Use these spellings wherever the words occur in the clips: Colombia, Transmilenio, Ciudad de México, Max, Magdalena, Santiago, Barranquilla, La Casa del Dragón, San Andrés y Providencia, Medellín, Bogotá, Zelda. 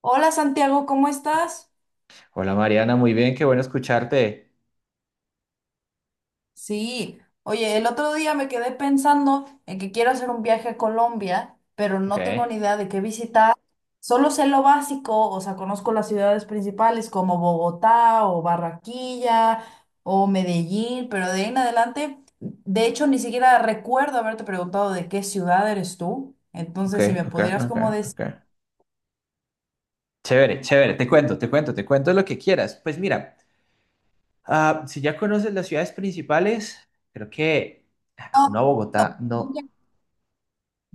Hola Santiago, ¿cómo estás? Hola Mariana, muy bien, qué bueno escucharte. Sí, oye, el otro día me quedé pensando en que quiero hacer un viaje a Colombia, pero Ok, no tengo ni idea de qué visitar. Solo sé lo básico, o sea, conozco las ciudades principales como Bogotá o Barranquilla o Medellín, pero de ahí en adelante, de hecho, ni siquiera recuerdo haberte preguntado de qué ciudad eres tú. ok, Entonces, si me ok, pudieras ok, como decir... ok. Chévere, chévere, te cuento, te cuento, te cuento lo que quieras. Pues mira, si ya conoces las ciudades principales, creo que No, una no, Bogotá, no. nunca-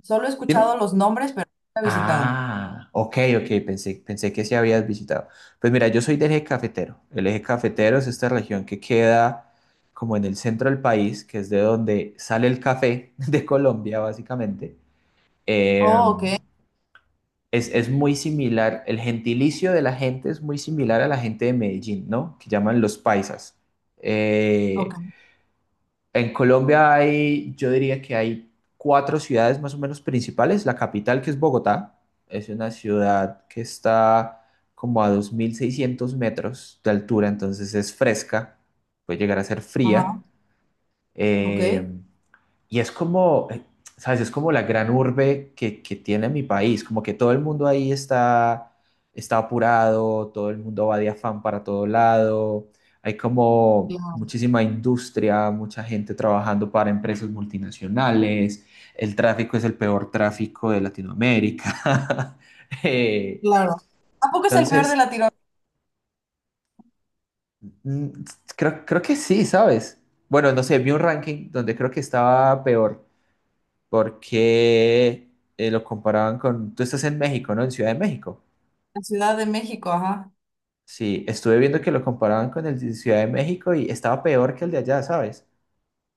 solo he Dime. escuchado los nombres, pero nunca he visitado. Ah, ok, ok, pensé que sí habías visitado. Pues mira, yo soy del eje cafetero. El eje cafetero es esta región que queda como en el centro del país, que es de donde sale el café de Colombia, básicamente. Oh, ok, Em, es muy similar, el gentilicio de la gente es muy similar a la gente de Medellín, ¿no? Que llaman los paisas. Eh, ok, en Colombia hay, yo diría que hay cuatro ciudades más o menos principales. La capital, que es Bogotá, es una ciudad que está como a 2.600 metros de altura, entonces es fresca, puede llegar a ser fría. ajá. Ok, Eh, y es como, ¿sabes? Es como la gran urbe que tiene mi país, como que todo el mundo ahí está apurado, todo el mundo va de afán para todo lado, hay como claro, muchísima industria, mucha gente trabajando para empresas multinacionales, el tráfico es el peor tráfico de Latinoamérica. Eh, claro. ¿A es el peor de entonces, Latinoamérica, mm, creo que sí, ¿sabes? Bueno, no sé, vi un ranking donde creo que estaba peor porque lo comparaban con, tú estás en México, ¿no? En Ciudad de México. la Ciudad de México? Ajá. Sí, estuve viendo que lo comparaban con el de Ciudad de México y estaba peor que el de allá, ¿sabes?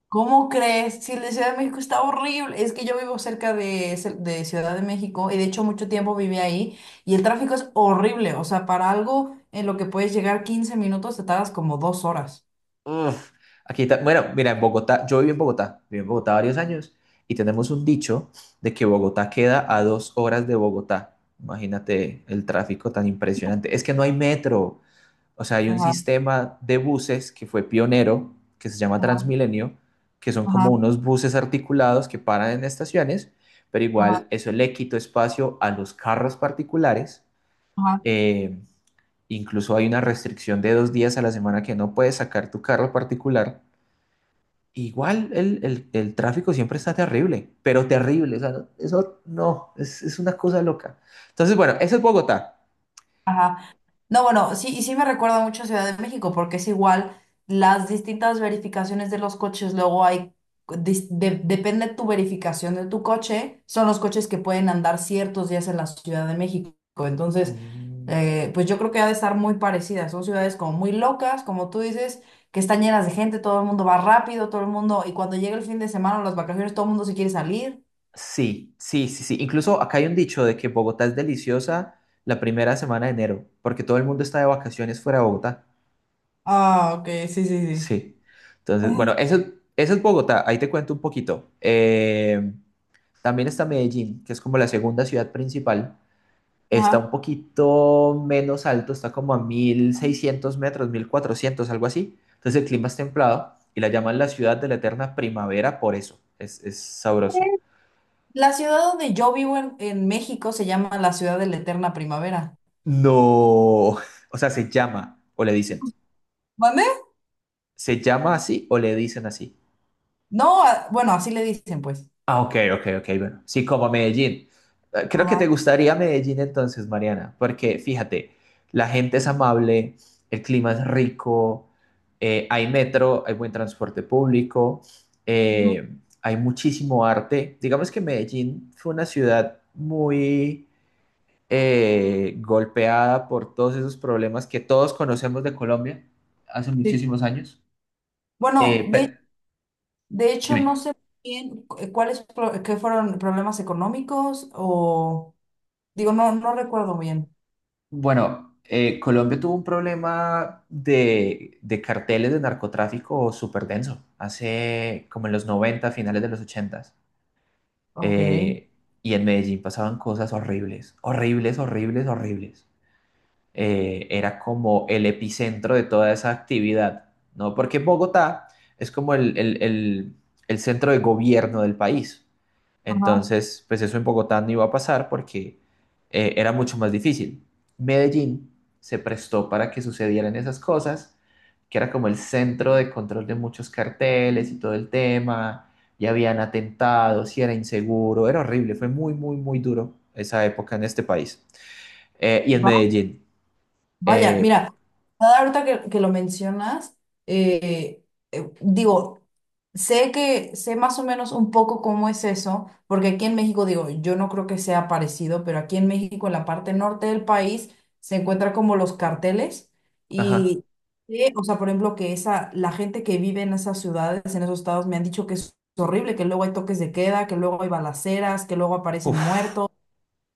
¿Cómo crees? Si la Ciudad de México está horrible. Es que yo vivo cerca de Ciudad de México, y de hecho mucho tiempo viví ahí y el tráfico es horrible. O sea, para algo en lo que puedes llegar 15 minutos te tardas como 2 horas. Uf, bueno, mira, en Bogotá, yo viví en Bogotá varios años y tenemos un dicho de que Bogotá queda a 2 horas de Bogotá. Imagínate el tráfico tan impresionante. Es que no hay metro. O sea, hay un Ajá, sistema de buses que fue pionero, que se llama ajá, Transmilenio, que son ajá, como unos buses articulados que paran en estaciones, pero ajá, igual eso le quitó espacio a los carros particulares. ajá. Eh, incluso hay una restricción de 2 días a la semana que no puedes sacar tu carro particular. Igual el tráfico siempre está terrible, pero terrible. O sea, eso no, es una cosa loca. Entonces, bueno, eso es Bogotá. Ajá. No, bueno, sí, y sí me recuerda mucho a Ciudad de México, porque es igual, las distintas verificaciones de los coches, luego depende tu verificación de tu coche, son los coches que pueden andar ciertos días en la Ciudad de México. Entonces, Mm. Pues yo creo que ha de estar muy parecida. Son ciudades como muy locas, como tú dices, que están llenas de gente, todo el mundo va rápido, todo el mundo, y cuando llega el fin de semana o las vacaciones, todo el mundo se quiere salir. Sí, sí, sí, sí. Incluso acá hay un dicho de que Bogotá es deliciosa la primera semana de enero, porque todo el mundo está de vacaciones fuera de Bogotá. Ah, ok, sí, sí, sí. Sí. Entonces, bueno, eso es Bogotá. Ahí te cuento un poquito. También está Medellín, que es como la segunda ciudad principal. Está un Ajá. poquito menos alto, está como a 1.600 metros, 1.400, algo así. Entonces el clima es templado y la llaman la ciudad de la eterna primavera por eso. Es sabroso. La ciudad donde yo vivo en México se llama la ciudad de la eterna primavera. No, o sea, se llama o le dicen. ¿Mande? ¿Se llama así o le dicen así? No, bueno, así le dicen, pues. Ah, ok, ok, ok, bueno. Sí, como Medellín. Creo que Ajá. te gustaría Medellín entonces, Mariana, porque fíjate, la gente es amable, el clima es rico, hay metro, hay buen transporte público, Ujú. eh, hay muchísimo arte. Digamos que Medellín fue una ciudad muy golpeada por todos esos problemas que todos conocemos de Colombia hace Sí. muchísimos años. Bueno, Eh, pe- de hecho, no Dime. sé bien cuáles qué fueron problemas económicos o digo, no recuerdo bien. Bueno, Colombia tuvo un problema de carteles de narcotráfico súper denso, hace como en los 90, finales de los 80. Ok. Eh, y en Medellín pasaban cosas horribles, horribles, horribles, horribles. Era como el epicentro de toda esa actividad, ¿no? Porque Bogotá es como el centro de gobierno del país. Ajá. Entonces, pues eso en Bogotá no iba a pasar porque era mucho más difícil. Medellín se prestó para que sucedieran esas cosas, que era como el centro de control de muchos carteles y todo el tema, y habían atentados y era inseguro, era horrible, fue muy, muy, muy duro esa época en este país. Y en Medellín. Vaya, Eh, mira, nada, ahorita que lo mencionas, eh, digo, sé que sé más o menos un poco cómo es eso, porque aquí en México, digo, yo no creo que sea parecido, pero aquí en México, en la parte norte del país, se encuentran como los carteles Ajá. y, o sea, por ejemplo, que esa, la gente que vive en esas ciudades, en esos estados, me han dicho que es horrible, que luego hay toques de queda, que luego hay balaceras, que luego aparecen Uf, muertos.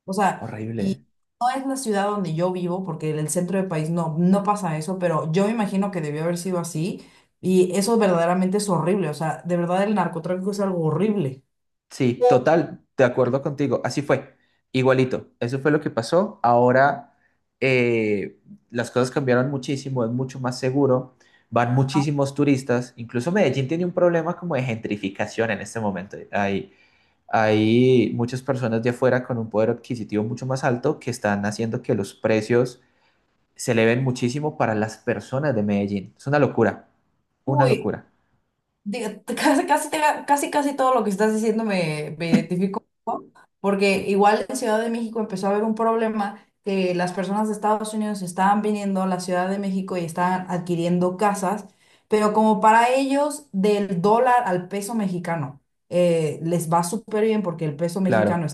O sea, horrible. y no es la ciudad donde yo vivo, porque en el centro del país no, no pasa eso, pero yo me imagino que debió haber sido así. Y eso verdaderamente es horrible. O sea, de verdad el narcotráfico es algo horrible. Sí, total, de acuerdo contigo. Así fue, igualito. Eso fue lo que pasó. Ahora eh, las cosas cambiaron muchísimo, es mucho más seguro. Van muchísimos turistas. Incluso Medellín tiene un problema como de gentrificación en este momento. Hay muchas personas de afuera con un poder adquisitivo mucho más alto que están haciendo que los precios se eleven muchísimo para las personas de Medellín. Es una locura, una Uy, locura. digo, casi, casi, te- casi, casi todo lo que estás diciendo me, me identifico, ¿no? Porque igual en Ciudad de México empezó a haber un problema que las personas de Estados Unidos estaban viniendo a la Ciudad de México y estaban adquiriendo casas, pero como para ellos del dólar al peso mexicano les va súper bien porque el peso mexicano Claro.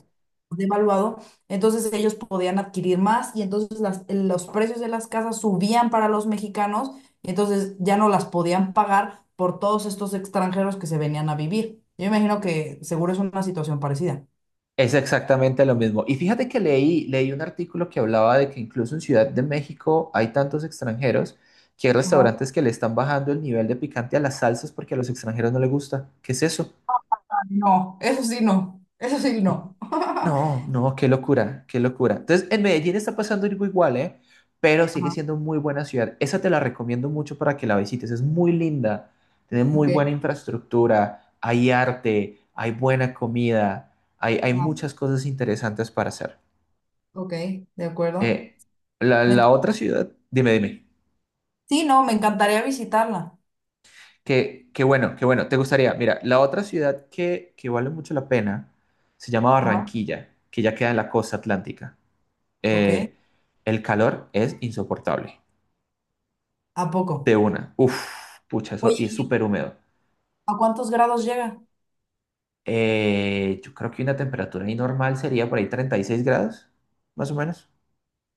devaluado, entonces ellos podían adquirir más y entonces los precios de las casas subían para los mexicanos y entonces ya no las podían pagar por todos estos extranjeros que se venían a vivir. Yo imagino que seguro es una situación parecida. Es exactamente lo mismo. Y fíjate que leí un artículo que hablaba de que incluso en Ciudad de México hay tantos extranjeros que hay Ajá, restaurantes que le están bajando el nivel de picante a las salsas porque a los extranjeros no les gusta. ¿Qué es eso? no, eso sí no, eso sí no. No, no, qué locura, qué locura. Entonces, en Medellín está pasando algo igual, ¿eh? Pero sigue Ajá, siendo muy buena ciudad. Esa te la recomiendo mucho para que la visites. Es muy linda, tiene muy ok, buena infraestructura, hay arte, hay buena comida, hay ajá, muchas cosas interesantes para hacer. ok, de acuerdo. Eh, la, Me la enc- otra ciudad, dime, dime. sí, no, me encantaría visitarla. Que bueno, te gustaría. Mira, la otra ciudad que vale mucho la pena se llama Ajá. Barranquilla, que ya queda en la costa atlántica. Ok, Eh, el calor es insoportable. ¿a De poco? una. Uf, pucha, eso, Oye, y es súper húmedo. ¿a cuántos grados llega? Yo creo que una temperatura ahí normal sería por ahí 36 grados, más o menos.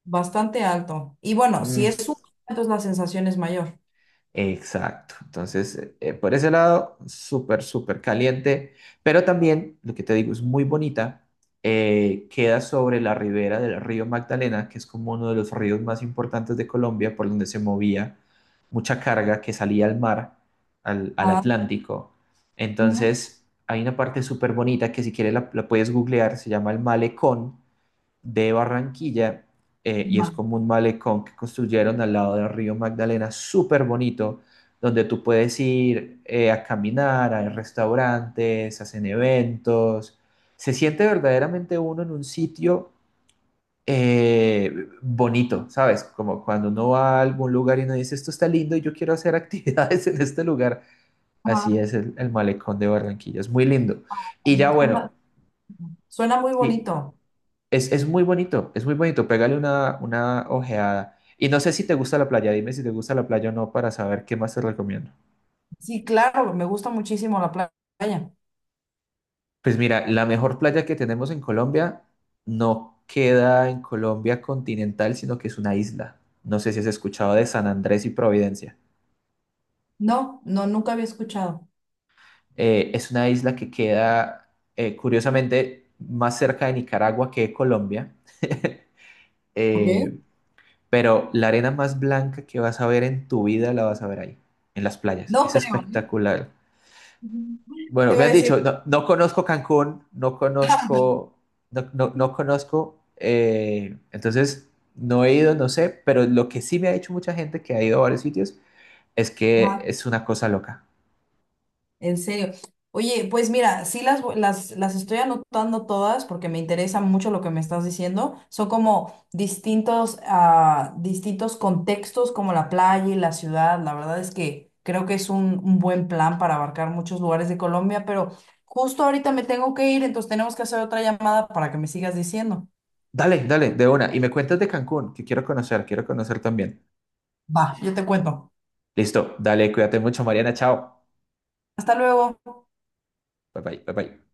Bastante alto. Y bueno, Mm, si es un entonces la sensación es mayor. exacto. Entonces, por ese lado, súper, súper caliente, pero también, lo que te digo, es muy bonita. Queda sobre la ribera del río Magdalena, que es como uno de los ríos más importantes de Colombia, por donde se movía mucha carga que salía al mar, al Ah, Atlántico. ujú, Entonces, hay una parte súper bonita que si quieres la puedes googlear, se llama el malecón de Barranquilla y es ma- como un malecón que construyeron al lado del río Magdalena, súper bonito, donde tú puedes ir a caminar, hay restaurantes, hacen eventos. Se siente verdaderamente uno en un sitio bonito, ¿sabes? Como cuando uno va a algún lugar y uno dice, esto está lindo y yo quiero hacer actividades en este lugar. Así ajá. es el malecón de Barranquilla, es muy lindo. Y ya bueno, Suena, suena muy sí. bonito. Es muy bonito, es muy bonito. Pégale una ojeada. Y no sé si te gusta la playa, dime si te gusta la playa o no para saber qué más te recomiendo. Sí, claro, me gusta muchísimo la playa. Pues mira, la mejor playa que tenemos en Colombia no queda en Colombia continental, sino que es una isla. No sé si has escuchado de San Andrés y Providencia. No, no, nunca había escuchado. Es una isla que queda, curiosamente, más cerca de Nicaragua que de Colombia. Eh, Ok. Pero la arena más blanca que vas a ver en tu vida la vas a ver ahí, en las playas. No Es creo, ¿eh? espectacular. Ujú. Bueno, Te me iba a han decir. dicho, no, no conozco Cancún, no conozco, no, no, no conozco, entonces no he ido, no sé, pero lo que sí me ha dicho mucha gente que ha ido a varios sitios es que Ajá. es una cosa loca. En serio. Oye, pues mira, sí las estoy anotando todas porque me interesa mucho lo que me estás diciendo. Son como distintos, ah, distintos contextos como la playa y la ciudad. La verdad es que creo que es un buen plan para abarcar muchos lugares de Colombia, pero justo ahorita me tengo que ir, entonces tenemos que hacer otra llamada para que me sigas diciendo. Dale, dale, de una. Y me cuentas de Cancún, que quiero conocer también. Va, yo te cuento. Listo, dale, cuídate mucho, Mariana, chao. Hasta luego. Bye bye, bye bye.